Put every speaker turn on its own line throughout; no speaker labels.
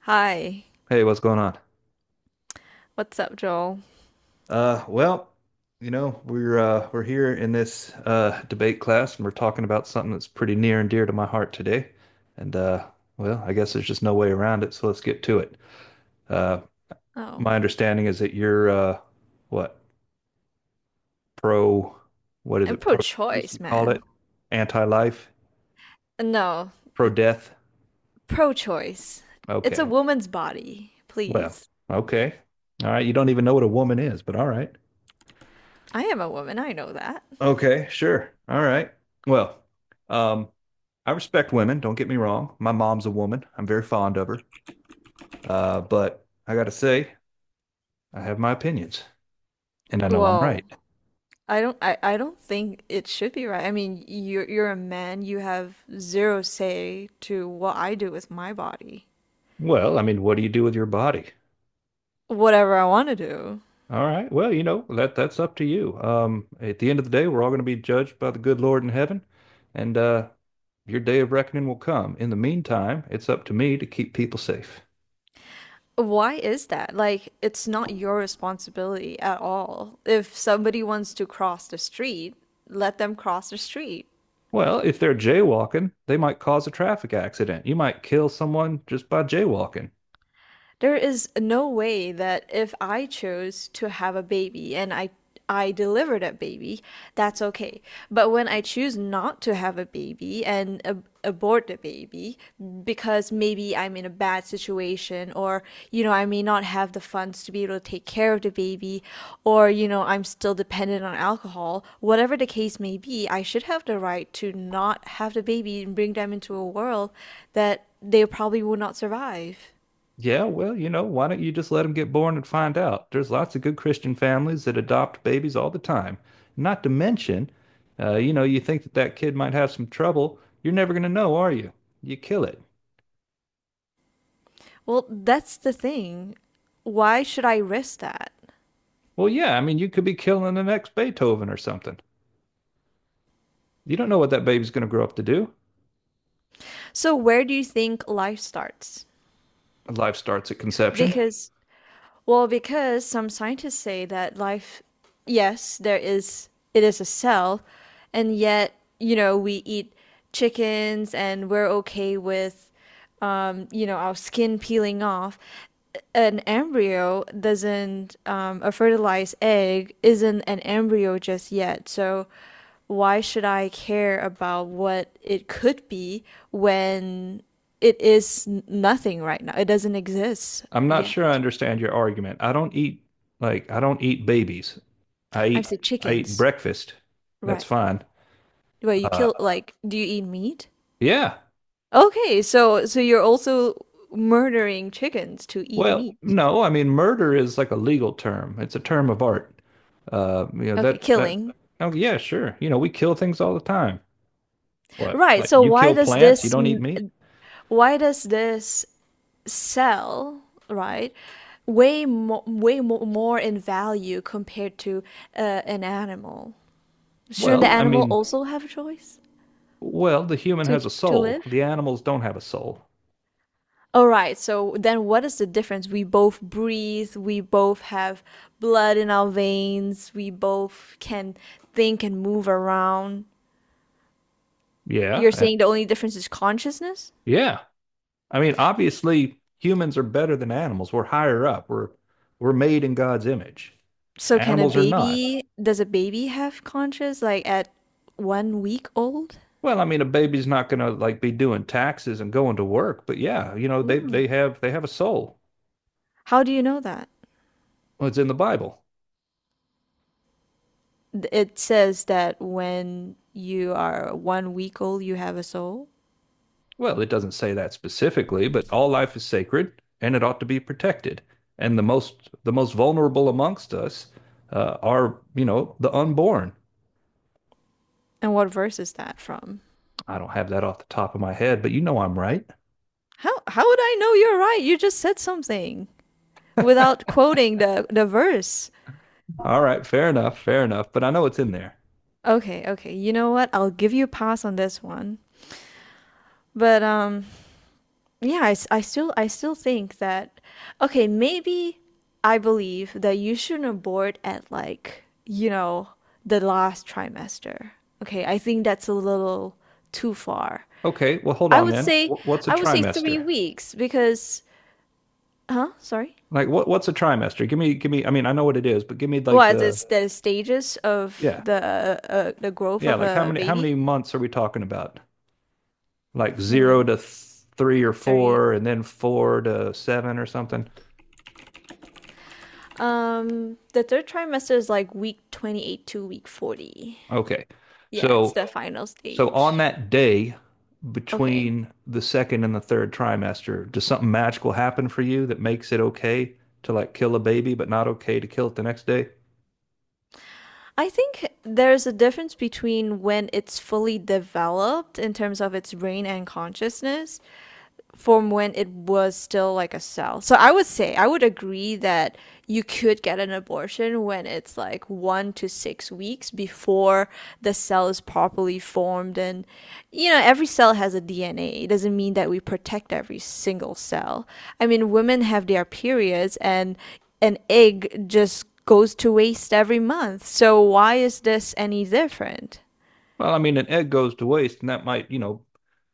Hi,
Hey, what's going on?
what's up, Joel?
Uh, well, you know, we're here in this debate class and we're talking about something that's pretty near and dear to my heart today. And Well, I guess there's just no way around it, so let's get to it. Uh
Oh,
my understanding is that you're what? Pro What is
I'm
it?
pro
Pro-choice you
choice,
call it?
man.
Anti-life?
No,
Pro-death?
pro choice. It's a
Okay.
woman's body,
Well,
please.
okay. All right, you don't even know what a woman is, but all right.
I am a woman, I know that.
Okay, sure. All right. Well, um, I respect women, don't get me wrong. My mom's a woman. I'm very fond of her. But I gotta say, I have my opinions, and I know I'm
Well,
right.
I don't think it should be right. I mean, you're a man, you have zero say to what I do with my body.
Well, I mean, what do you do with your body?
Whatever I want to do.
All right. Well, you know, that's up to you. At the end of the day, we're all going to be judged by the good Lord in heaven, and your day of reckoning will come. In the meantime, it's up to me to keep people safe.
Why is that? Like, it's not your responsibility at all. If somebody wants to cross the street, let them cross the street.
Well, if they're jaywalking, they might cause a traffic accident. You might kill someone just by jaywalking.
There is no way that if I chose to have a baby and I deliver that baby, that's okay. But when I choose not to have a baby and abort the baby because maybe I'm in a bad situation, or you know, I may not have the funds to be able to take care of the baby, or you know, I'm still dependent on alcohol, whatever the case may be, I should have the right to not have the baby and bring them into a world that they probably will not survive.
Yeah, well, you know, why don't you just let them get born and find out? There's lots of good Christian families that adopt babies all the time. Not to mention, you know, you think that that kid might have some trouble. You're never going to know, are you? You kill it.
Well, that's the thing. Why should I risk that?
Well, yeah, I mean, you could be killing the next Beethoven or something. You don't know what that baby's going to grow up to do.
So, where do you think life starts?
Life starts at conception.
Because because some scientists say that life, yes, there is, it is a cell, and yet, you know, we eat chickens and we're okay with, you know, our skin peeling off. An embryo doesn't, a fertilized egg isn't an embryo just yet. So why should I care about what it could be when it is nothing right now? It doesn't exist
I'm not sure I
yet.
understand your argument. I don't eat Like I don't eat babies. I
I've
eat
said
I eat
chickens.
breakfast. That's
Right.
fine.
Well, you
Uh,
kill, like, do you eat meat?
yeah.
Okay, so you're also murdering chickens to eat
Well,
meat.
no, I mean murder is like a legal term. It's a term of art. You know
Okay,
that's that.
killing.
Oh yeah, sure. You know we kill things all the time. What?
Right.
Like
So
you kill plants? You don't eat meat?
why does this sell, right? Way more in value compared to uh, an animal. Shouldn't the
Well, I
animal
mean,
also have a choice
well, the human
to
has a soul.
live?
The animals don't have a soul.
All right, so then what is the difference? We both breathe, we both have blood in our veins, we both can think and move around.
Yeah.
You're
uh,
saying the only difference is consciousness?
yeah. I mean, obviously humans are better than animals. We're higher up. We're made in God's image.
So
Animals are not.
does a baby have conscious like at 1 week old?
Well, I mean, a baby's not gonna like be doing taxes and going to work, but yeah, you know, they
No.
they have they have a soul.
How do you know that?
Well, it's in the Bible.
It says that when you are 1 week old, you have a soul.
Well, it doesn't say that specifically, but all life is sacred and it ought to be protected. And the most vulnerable amongst us are, you know, the unborn.
And what verse is that from?
I don't have that off the top of my head, but you know I'm right.
How would I know you're right? You just said something without quoting the verse.
All right, fair enough, fair enough. But I know it's in there.
Okay, okay. You know what? I'll give you a pass on this one. But yeah, I still think that, okay, maybe I believe that you shouldn't abort at, like, you know, the last trimester. Okay, I think that's a little too far.
Okay, well, hold
I
on
would
then.
say
What's a
I would say 3
trimester?
weeks because, huh? Sorry.
Like, what's a trimester? Give me. I mean, I know what it is, but give me
Well,
like
as
the
it's the stages of
yeah.
the growth
Yeah,
of
like
a
how
baby.
many months are we talking about? Like zero
Hmm.
to th three or
30
four, and then four to seven or something.
The third trimester is like week 28 to week 40.
Okay.
Yeah, it's
So
the final
so on
stage.
that day
Okay.
between the second and the third trimester, does something magical happen for you that makes it okay to like kill a baby, but not okay to kill it the next day?
I think there's a difference between when it's fully developed in terms of its brain and consciousness, from when it was still like a cell. So I would say, I would agree that you could get an abortion when it's like 1 to 6 weeks before the cell is properly formed. And, you know, every cell has a DNA. It doesn't mean that we protect every single cell. I mean, women have their periods, and an egg just goes to waste every month. So why is this any different?
Well, I mean, an egg goes to waste, and that might, you know,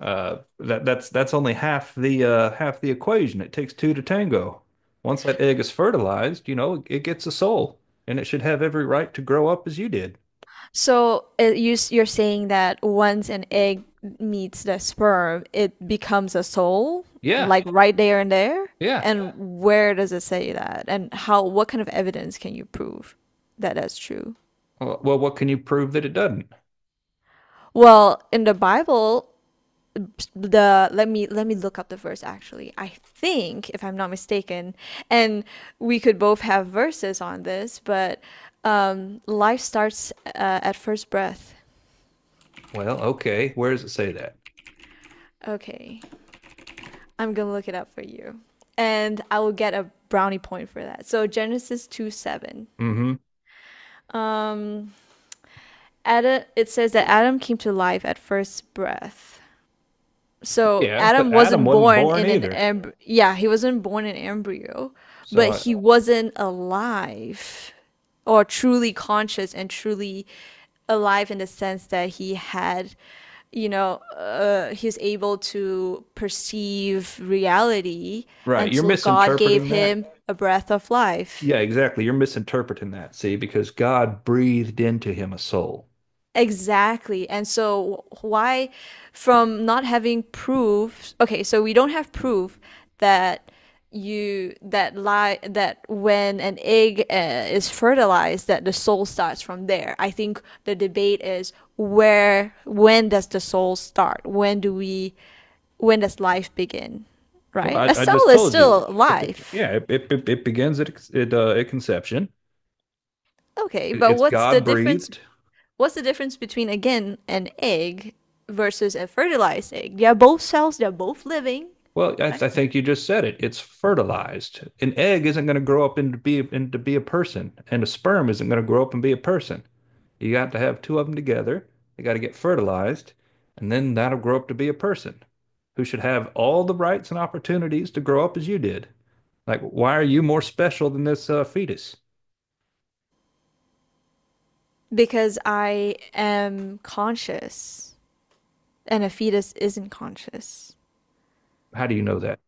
That that's only half the half the equation. It takes two to tango. Once that egg is fertilized, you know, it gets a soul, and it should have every right to grow up as you did.
So you're saying that once an egg meets the sperm, it becomes a soul,
Yeah,
like right there and there?
yeah.
And where does it say that? And how, what kind of evidence can you prove that that's true?
Well, what can you prove that it doesn't?
Well, in the Bible, the let me look up the verse actually. I think, if I'm not mistaken, and we could both have verses on this, but life starts at first breath.
Well, okay. Where does it say that?
Okay. I'm gonna look it up for you. And I will get a brownie point for that. So Genesis 2 7.
Mm-hmm.
Adam, it says that Adam came to life at first breath. So
Yeah, but
Adam
Adam
wasn't
wasn't
born
born
in an
either.
embryo. Yeah, he wasn't born in embryo,
So
but
I,
he wasn't alive or truly conscious and truly alive in the sense that he had, you know, he's able to perceive reality
right, you're
until God gave
misinterpreting that.
him a breath of life.
Yeah, exactly. You're misinterpreting that. See, because God breathed into him a soul.
Exactly. And so why from not having proof, okay, so we don't have proof that you that lie that when an egg is fertilized that the soul starts from there. I think the debate is where when does the soul start? When do we when does life begin?
Well,
Right? A
I, I just
soul is
told you.
still
It, be-
life.
yeah, it, it, it begins at at conception.
Okay, but
It's God breathed.
what's the difference between, again, an egg versus a fertilized egg? They are both cells, they're both living.
Well,
Right.
I think you just said it. It's fertilized. An egg isn't going to grow up into be a person, and a sperm isn't going to grow up and be a person. You got to have two of them together. They got to get fertilized, and then that'll grow up to be a person who should have all the rights and opportunities to grow up as you did. Like, why are you more special than this fetus?
Because I am conscious and a fetus isn't conscious
How do you know that?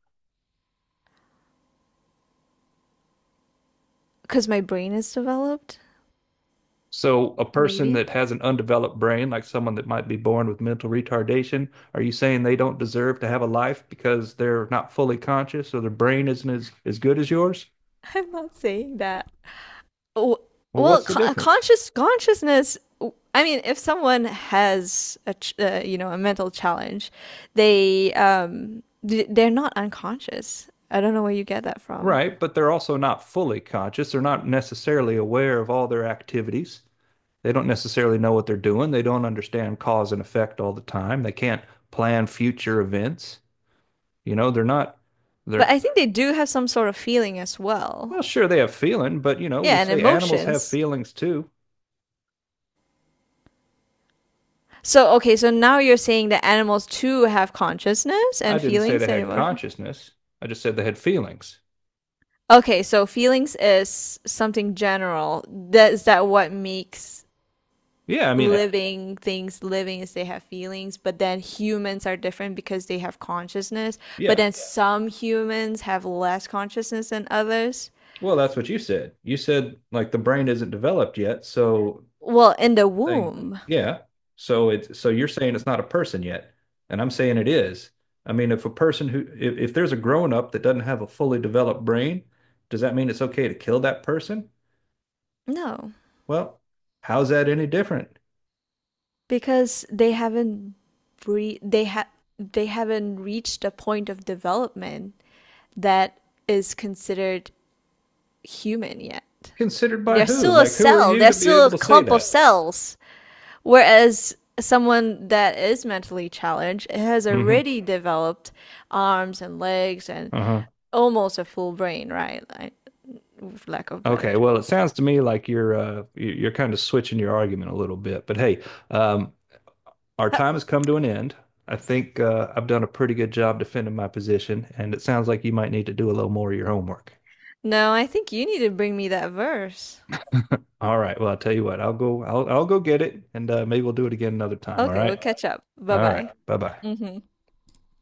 because my brain is developed.
So, a person
Maybe.
that has an undeveloped brain, like someone that might be born with mental retardation, are you saying they don't deserve to have a life because they're not fully conscious or their brain isn't as good as yours?
I'm not saying that. Oh,
Well,
well,
what's the difference?
consciousness. I mean, if someone has a you know, a mental challenge, they um they're not unconscious. I don't know where you get that from.
Right, but they're also not fully conscious. They're not necessarily aware of all their activities. They don't necessarily know what they're doing. They don't understand cause and effect all the time. They can't plan future events. You know, they're not,
But
they're,
I think they do have some sort of feeling as well.
well, sure, they have feeling, but you know,
Yeah,
we
and
say animals have
emotions.
feelings too.
So okay, so now you're saying that animals too have consciousness
I
and
didn't say
feelings
they
and
had
emotions.
consciousness. I just said they had feelings.
Okay, so feelings is something general. That is that what makes
Yeah, I mean,
living things living is they have feelings, but then humans are different because they have consciousness, but
yeah.
then some humans have less consciousness than others.
Well, that's what you said. You said like the brain isn't developed yet, so
Well, in the
something,
womb.
yeah. So you're saying it's not a person yet, and I'm saying it is. I mean, if there's a grown up that doesn't have a fully developed brain, does that mean it's okay to kill that person?
No.
Well, how's that any different?
Because they haven't re- they ha- they haven't reached a point of development that is considered human yet.
Considered by
They're
who?
still a
Like, who are
cell.
you
They're
to be
still
able
a
to say
clump of
that?
cells. Whereas someone that is mentally challenged has
Mm-hmm.
already developed arms and legs and
Uh huh.
almost a full brain, right? Like, with lack of better
Okay, well,
term.
it sounds to me like you're kind of switching your argument a little bit. But hey, um, our
Huh.
time has come to an end. I think I've done a pretty good job defending my position, and it sounds like you might need to do a little more of your homework.
No, I think you need to bring me that verse.
All right, well, I'll tell you what, I'll go get it, and maybe we'll do it again another time.
Okay, we'll catch up. Bye
All right,
bye.
bye bye.
Hmm.